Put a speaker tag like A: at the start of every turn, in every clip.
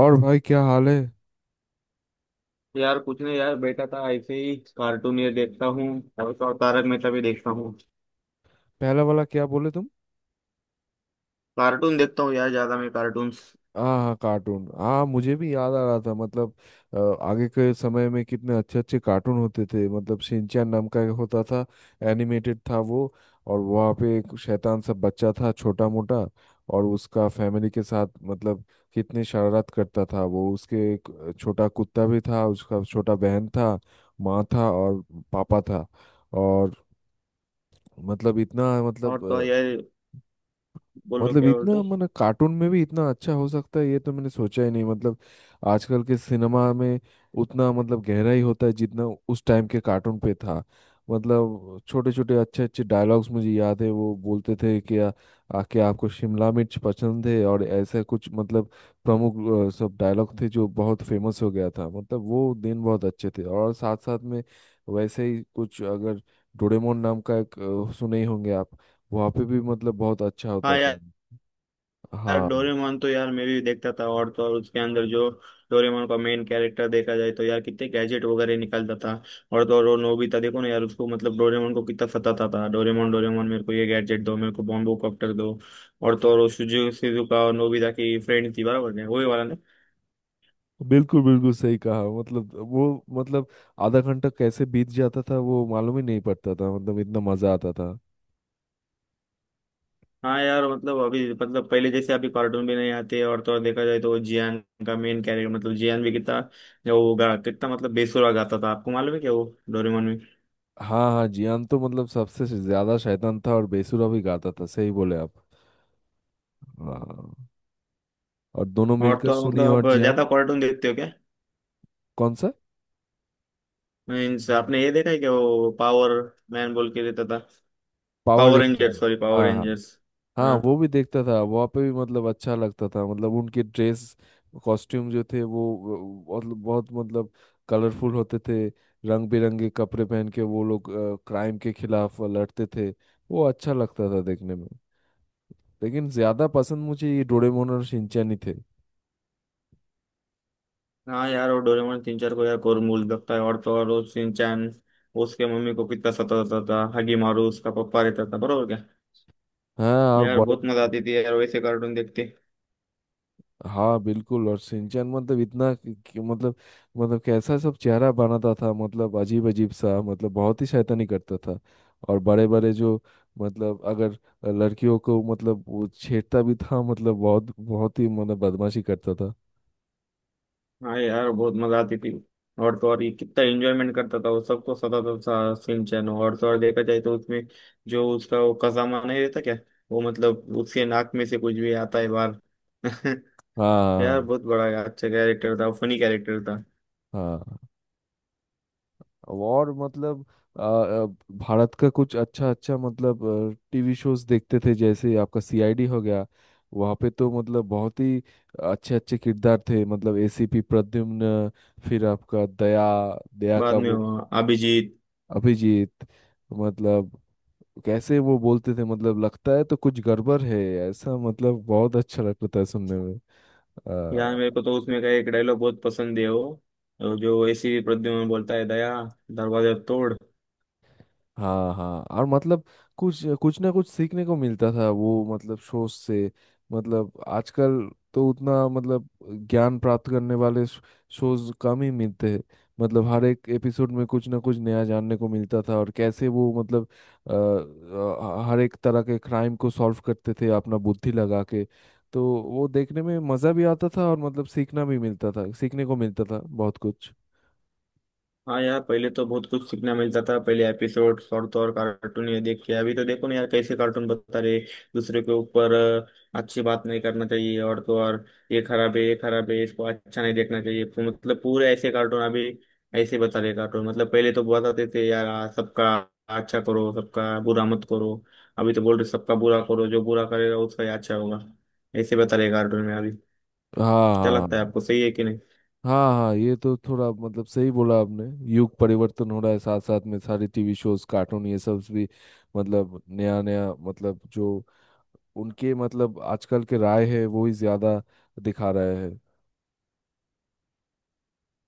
A: और भाई क्या हाल है।
B: यार कुछ नहीं यार, बैठा था ऐसे ही कार्टून ये देखता हूँ। और तो और तारक मेहता भी देखता हूँ।
A: पहला वाला क्या बोले तुम?
B: कार्टून देखता हूँ यार, ज्यादा मैं कार्टून्स।
A: हाँ हाँ, कार्टून। हाँ, मुझे भी याद आ रहा था। मतलब अ, आगे के समय में कितने अच्छे अच्छे कार्टून होते थे। मतलब शिनचैन नाम का एक होता था। एनिमेटेड था वो। और वहाँ पे एक शैतान सा बच्चा था, छोटा मोटा। और उसका फैमिली के साथ मतलब कितनी शरारत करता था वो। उसके एक छोटा कुत्ता भी था, उसका छोटा बहन था, माँ था और पापा था। और मतलब इतना
B: और तो और
A: मतलब
B: यार बोलो
A: मतलब
B: क्या
A: इतना
B: बोलते।
A: मतलब कार्टून में भी इतना अच्छा हो सकता है ये तो मैंने सोचा ही नहीं। मतलब आजकल के सिनेमा में उतना मतलब गहराई होता है जितना उस टाइम के कार्टून पे था। मतलब छोटे छोटे अच्छे अच्छे डायलॉग्स मुझे याद है। वो बोलते थे कि आ, आ, कि आपको शिमला मिर्च पसंद है और ऐसा कुछ। मतलब प्रमुख सब डायलॉग थे जो बहुत फेमस हो गया था। मतलब वो दिन बहुत अच्छे थे। और साथ साथ में वैसे ही कुछ अगर डोरेमोन नाम का एक सुने ही होंगे आप। वहाँ पे भी मतलब बहुत अच्छा
B: हाँ
A: होता था।
B: यार। यार
A: हाँ,
B: डोरेमोन तो यार मैं भी देखता था, और तो और उसके अंदर जो डोरेमोन का मेन कैरेक्टर देखा जाए तो यार कितने गैजेट वगैरह निकालता था। और तो और वो नोबिता देखो ना यार, उसको मतलब डोरेमोन को कितना सताता था। डोरेमोन डोरेमोन मेरे को ये गैजेट दो, मेरे को बॉम्बो कॉप्टर दो। और तो और वो सुजुकी सिजुका और नोबिता की फ्रेंड थी, बराबर है वही वाला।
A: बिल्कुल बिल्कुल सही कहा। मतलब वो मतलब आधा घंटा कैसे बीत जाता था वो मालूम ही नहीं पड़ता था। मतलब इतना मजा आता था।
B: हाँ यार, मतलब अभी मतलब पहले जैसे अभी कार्टून भी नहीं आते। और तो और देखा जाए तो वो जियान का मेन कैरेक्टर मतलब जियान भी कितना वो गा कितना मतलब बेसुरा गाता था, आपको मालूम है क्या वो डोरेमोन में।
A: हाँ हाँ, जियान तो मतलब सबसे ज्यादा शैतान था और बेसुरा भी गाता था। सही बोले आप। हाँ, और दोनों
B: और
A: मिलकर
B: तो और
A: सुनिए
B: मतलब
A: और
B: आप
A: जियान।
B: ज्यादा कार्टून देखते हो क्या?
A: कौन सा?
B: मीन्स आपने ये देखा है क्या, वो पावर मैन बोल के देता था।
A: Power
B: power
A: ranger.
B: Rangers, sorry, power
A: हाँ हाँ।
B: रेंजर्स।
A: हाँ,
B: हाँ
A: वो भी देखता था। वहाँ पे भी मतलब अच्छा लगता था। मतलब उनके ड्रेस कॉस्ट्यूम जो थे बहुत बहुत मतलब कलरफुल होते थे। रंग बिरंगे कपड़े पहन के वो लोग क्राइम के खिलाफ लड़ते थे। वो अच्छा लगता था देखने में। लेकिन ज्यादा पसंद मुझे ये डोरेमोन और शिनचैन ही थे।
B: हाँ। यार वो डोरेमोन तीन चार को यार कोरमूल लगता है। और तो और वो शिनचैन उसके मम्मी को कितना सताता था। हगी मारू उसका पप्पा रहता था, बरोबर क्या?
A: हाँ और
B: यार
A: बड़े।
B: बहुत मजा आती थी यार, वैसे कार्टून देखते।
A: हाँ बिल्कुल, और सिंचन मतलब इतना कि मतलब मतलब कैसा सब चेहरा बनाता था। मतलब अजीब अजीब सा, मतलब बहुत ही शैतानी करता था। और बड़े बड़े जो मतलब अगर लड़कियों को मतलब वो छेड़ता भी था। मतलब बहुत बहुत ही मतलब बदमाशी करता था।
B: हाँ यार, बहुत मजा आती थी। और तो और ये कितना एंजॉयमेंट करता था, वो सबको सताता था सिम चैन। और तो और देखा जाए तो उसमें जो उसका वो कसामा नहीं रहता क्या, वो मतलब उसके नाक में से कुछ भी आता है बाहर यार
A: हाँ
B: बहुत बड़ा यार, अच्छा कैरेक्टर था, फनी कैरेक्टर था।
A: हाँ हाँ हाँ। और मतलब आ, आ, भारत का कुछ अच्छा अच्छा मतलब टीवी शोज देखते थे, जैसे आपका सीआईडी हो गया। वहाँ पे तो मतलब बहुत ही अच्छे अच्छे किरदार थे। मतलब एसीपी प्रद्युम्न, फिर आपका दया, दया का
B: बाद में
A: वो
B: वो अभिजीत।
A: अभिजीत। मतलब कैसे वो बोलते थे, मतलब लगता है तो कुछ गड़बड़ है, ऐसा। मतलब बहुत अच्छा लगता था सुनने में।
B: यार मेरे को तो उसमें का एक डायलॉग बहुत पसंद है, वो जो ऐसी प्रद्युमन बोलता है, दया दरवाजा तोड़।
A: हाँ हाँ, और मतलब कुछ कुछ ना कुछ सीखने को मिलता था वो मतलब शो से। मतलब आजकल तो उतना मतलब ज्ञान प्राप्त करने वाले शोज कम ही मिलते हैं। मतलब हर एक एपिसोड में कुछ ना कुछ नया जानने को मिलता था। और कैसे वो मतलब हर एक तरह के क्राइम को सॉल्व करते थे अपना बुद्धि लगा के। तो वो देखने में मज़ा भी आता था और मतलब सीखना भी मिलता था, सीखने को मिलता था बहुत कुछ।
B: हाँ यार, पहले तो बहुत कुछ सीखने मिलता था पहले एपिसोड। और तो और कार्टून ये देख के अभी तो देखो ना यार, कैसे कार्टून बता रहे दूसरे के ऊपर। अच्छी बात नहीं करना चाहिए। और तो और ये खराब है, ये खराब है, इसको अच्छा नहीं देखना चाहिए, तो मतलब पूरे ऐसे कार्टून अभी ऐसे बता रहे कार्टून। मतलब पहले तो बताते थे यार, सबका अच्छा करो, सबका बुरा मत करो। अभी तो बोल रहे सबका बुरा करो, जो बुरा करेगा उसका ही अच्छा होगा। ऐसे बता रहे कार्टून में अभी।
A: हाँ
B: क्या
A: हाँ
B: लगता है आपको, सही है कि नहीं?
A: हाँ। हाँ ये तो थोड़ा मतलब सही बोला आपने। युग परिवर्तन हो रहा है। साथ साथ में सारे टीवी शोज कार्टून ये सब भी मतलब नया नया मतलब जो उनके मतलब आजकल के राय है वो ही ज्यादा दिखा रहे हैं।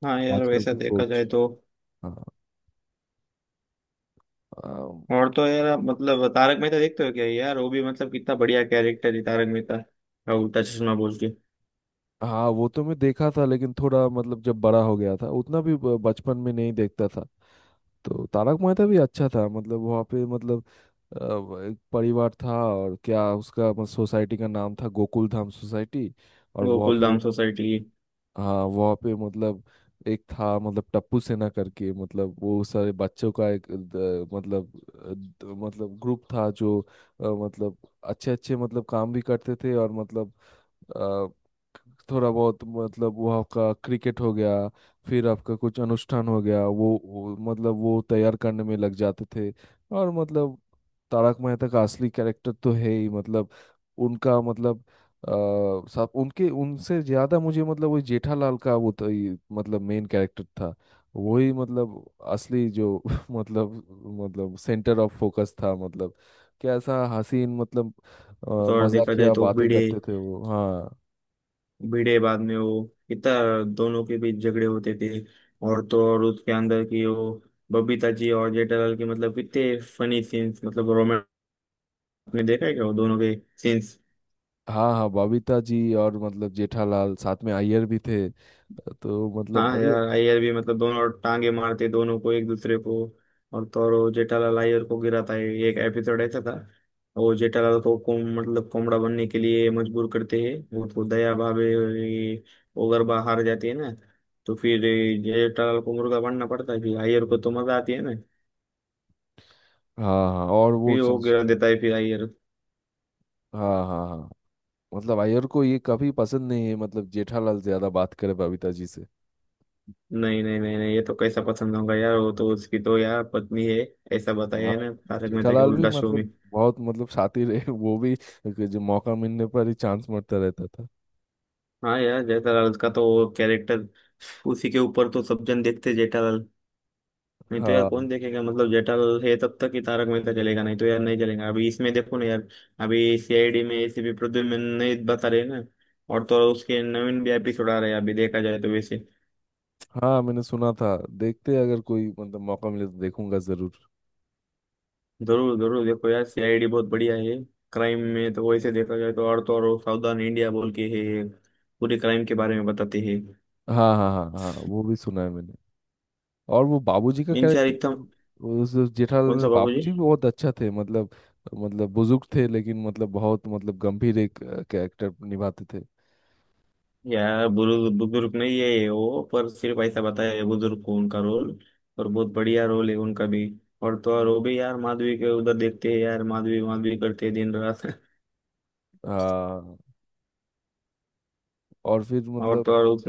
B: हाँ यार,
A: आजकल
B: वैसा
A: की
B: देखा
A: सोच।
B: जाए तो।
A: हाँ। अम,
B: और तो यार आप मतलब तारक मेहता देखते हो क्या यार? वो भी मतलब कितना बढ़िया कैरेक्टर है, तारक मेहता का उल्टा चश्मा बोल के।
A: हाँ, वो तो मैं देखा था लेकिन थोड़ा मतलब जब बड़ा हो गया था, उतना भी बचपन में नहीं देखता था। तो तारक मेहता भी अच्छा था। मतलब वहाँ पे मतलब एक परिवार था। और क्या उसका मतलब सोसाइटी का नाम था गोकुल धाम सोसाइटी। और वहाँ
B: गोकुल
A: पे
B: धाम सोसाइटी।
A: हाँ वहाँ पे मतलब एक था मतलब टप्पू सेना करके, मतलब वो सारे बच्चों का एक मतलब अ, द, मतलब ग्रुप था जो मतलब अच्छे अच्छे मतलब काम भी करते थे। और मतलब अ, थोड़ा बहुत मतलब वो आपका क्रिकेट हो गया, फिर आपका कुछ अनुष्ठान हो गया, वो मतलब वो तैयार करने में लग जाते थे। और मतलब तारक मेहता का असली कैरेक्टर तो है ही। मतलब उनका मतलब साहब उनके उनसे ज्यादा मुझे मतलब वही जेठालाल का वो तो मतलब मेन कैरेक्टर था। वही मतलब असली जो मतलब मतलब सेंटर ऑफ फोकस था। मतलब कैसा हसीन, मतलब
B: तो और देखा जाए
A: मजाकिया
B: तो
A: बातें
B: भिड़े
A: करते थे वो। हाँ
B: भिड़े बाद में वो कितना दोनों के बीच झगड़े होते थे। और तो और उसके अंदर की वो बबीता जी और जेठालाल के मतलब कितने फनी सीन्स, मतलब रोमांस में देखा है क्या वो दोनों के सीन्स?
A: हाँ हाँ, बबीता जी और मतलब जेठालाल, साथ में अय्यर भी थे। तो मतलब
B: हाँ
A: बढ़िया
B: यार
A: थे।
B: अय्यर भी, मतलब दोनों टांगे मारते दोनों को एक दूसरे को। और तो और वो जेठालाल अय्यर को गिराता है, एक एपिसोड ऐसा था। वो जेठालाल को कोम मतलब कोमड़ा बनने के लिए मजबूर करते हैं, वो तो दया भावे ये ओगरबा हार जाती है ना, तो फिर ये जेठालाल को मुर्गा बनना पड़ता है, फिर अय्यर को तो मजा आती है ना।
A: हाँ हाँ, और वो
B: फिर वो
A: संस।
B: गिरा देता है फिर अय्यर।
A: हाँ हाँ हाँ। मतलब अय्यर को ये कभी पसंद नहीं है, मतलब जेठालाल ज्यादा बात करे बबीता जी से।
B: नहीं नहीं नहीं नहीं, ये तो कैसा पसंद होगा यार, वो तो उसकी तो यार पत्नी है, ऐसा बताया
A: हाँ,
B: है ना तारक मेहता के
A: जेठालाल भी
B: उल्टा शो में।
A: मतलब बहुत मतलब शातिर है वो भी। जो मौका मिलने पर ही चांस मारता रहता था।
B: हाँ यार, जयता लाल का तो वो कैरेक्टर, उसी के ऊपर तो सब जन देखते जेठालाल, नहीं तो यार
A: हाँ
B: कौन देखेगा। मतलब जेठालाल है तब तक ही तारक मेहता चलेगा, नहीं तो यार नहीं चलेगा। अभी इसमें देखो ना यार, अभी सीआईडी में एसीपी प्रद्युम्न नहीं बता रहे ना। और तो और उसके नवीन भी एपिसोड आ रहे हैं अभी, देखा जाए तो वैसे।
A: हाँ, मैंने सुना था। देखते हैं, अगर कोई मतलब मौका मिले तो देखूंगा जरूर।
B: जरूर जरूर देखो यार, सीआईडी बहुत बढ़िया है। क्राइम में तो वैसे देखा जाए तो, और तो और सावधान इंडिया बोल के है, पूरे क्राइम के बारे में बताते हैं।
A: हाँ हाँ हाँ हाँ, वो भी सुना है मैंने। और वो बाबूजी का
B: इन यार एकदम।
A: कैरेक्टर, उस जेठालाल
B: कौन
A: में
B: सा बाबू जी?
A: बाबूजी भी बहुत अच्छा थे। मतलब मतलब बुजुर्ग थे, लेकिन मतलब बहुत मतलब गंभीर एक कैरेक्टर निभाते थे।
B: यार बुजुर्ग बुजुर्ग नहीं है ये, वो पर सिर्फ ऐसा बताया है बुजुर्ग को उनका रोल, और बहुत बढ़िया रोल है उनका भी। और तो और वो भी यार माधवी के उधर देखते हैं यार, माधवी माधवी करते हैं दिन रात
A: हाँ। और फिर
B: और
A: मतलब
B: तो और उस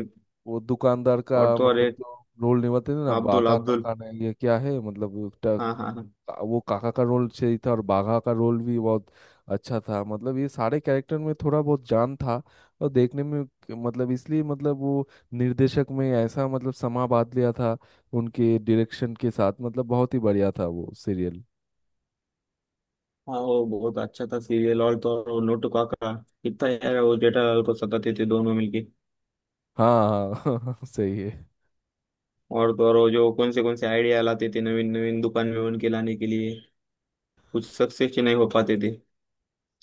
A: वो दुकानदार
B: और
A: का
B: तो और
A: मतलब
B: एक
A: जो रोल निभाते थे ना
B: अब्दुल
A: बाका
B: अब्दुल।
A: काका ने, ये क्या है मतलब
B: हाँ हाँ हाँ
A: वो काका का रोल सही था, और बाघा का रोल भी बहुत अच्छा था। मतलब ये सारे कैरेक्टर में थोड़ा बहुत जान था। और देखने में मतलब इसलिए मतलब वो निर्देशक में ऐसा मतलब समा बांध लिया था उनके डायरेक्शन के साथ। मतलब बहुत ही बढ़िया था वो सीरियल।
B: हाँ। वो बहुत अच्छा था सीरियल। और तो और वो नोटू काका, कितना यार वो जेठालाल को सताते थे दोनों मिलके।
A: हाँ हाँ सही है।
B: और तो और वो जो कौन से आइडिया लाते थे, नवीन नवीन दुकान में उनके लाने के लिए कुछ सक्सेस नहीं हो पाते थे।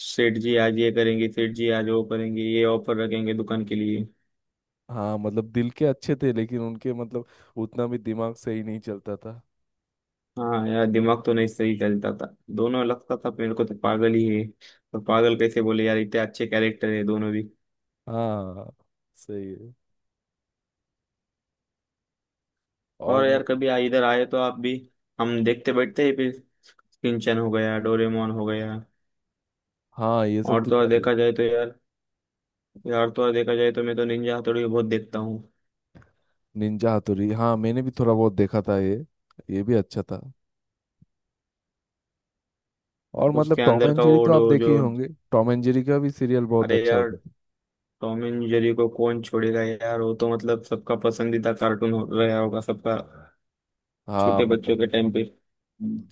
B: सेठ जी आज ये करेंगे, सेठ जी आज वो करेंगे, ये ऑफर रखेंगे दुकान के लिए।
A: हाँ मतलब दिल के अच्छे थे, लेकिन उनके मतलब उतना भी दिमाग सही नहीं चलता था।
B: हाँ यार, दिमाग तो नहीं सही चलता था दोनों, लगता था मेरे को तो पागल ही है। पर पागल कैसे बोले यार, इतने अच्छे कैरेक्टर है दोनों भी।
A: हाँ, सही है। और
B: और यार
A: मतलब
B: कभी इधर आए तो आप भी हम देखते बैठते ही फिर किंचन हो गया, डोरेमोन हो गया।
A: हाँ ये सब
B: और
A: तो।
B: तो और देखा जाए तो यार, यार तो और देखा जाए तो मैं तो निंजा हथौड़ी बहुत देखता हूँ।
A: निंजा हथौड़ी, हाँ मैंने भी थोड़ा बहुत देखा था ये। ये भी अच्छा था। और मतलब
B: उसके
A: टॉम
B: अंदर
A: एंड
B: का
A: जेरी
B: वो
A: तो आप
B: डो
A: देखे
B: जो,
A: ही होंगे। टॉम एंड जेरी का भी सीरियल बहुत
B: अरे
A: अच्छा
B: यार,
A: होता था।
B: टॉम एंड जेरी को कौन छोड़ेगा यार, वो तो मतलब सबका पसंदीदा कार्टून हो रहा होगा सबका,
A: हाँ
B: छोटे
A: मतलब
B: बच्चों के टाइम पे।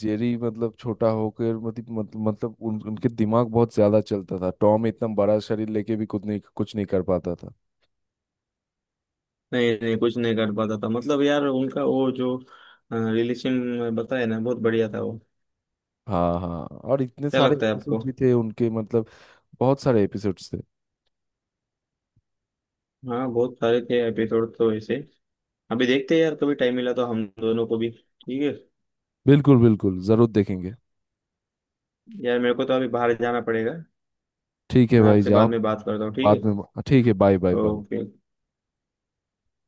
A: जेरी मतलब छोटा होकर मतलब मतलब मतलब उनके दिमाग बहुत ज्यादा चलता था। टॉम इतना बड़ा शरीर लेके भी कुछ नहीं कर पाता था।
B: नहीं नहीं कुछ नहीं कर पाता था, मतलब यार उनका वो जो रिलेशन बताया ना, बहुत बढ़िया था वो।
A: हाँ हाँ, और इतने
B: क्या
A: सारे
B: लगता है आपको?
A: एपिसोड भी थे उनके। मतलब बहुत सारे एपिसोड्स थे।
B: हाँ बहुत सारे थे एपिसोड तो ऐसे। अभी देखते हैं यार, कभी टाइम मिला तो हम दोनों को भी, ठीक है।
A: बिल्कुल बिल्कुल, जरूर देखेंगे।
B: यार मेरे को तो अभी बाहर जाना पड़ेगा,
A: ठीक है
B: मैं
A: भाई,
B: आपसे
A: जाओ।
B: बाद में बात करता हूँ, ठीक है?
A: बाद में, ठीक है। Bye bye bye.
B: ओके।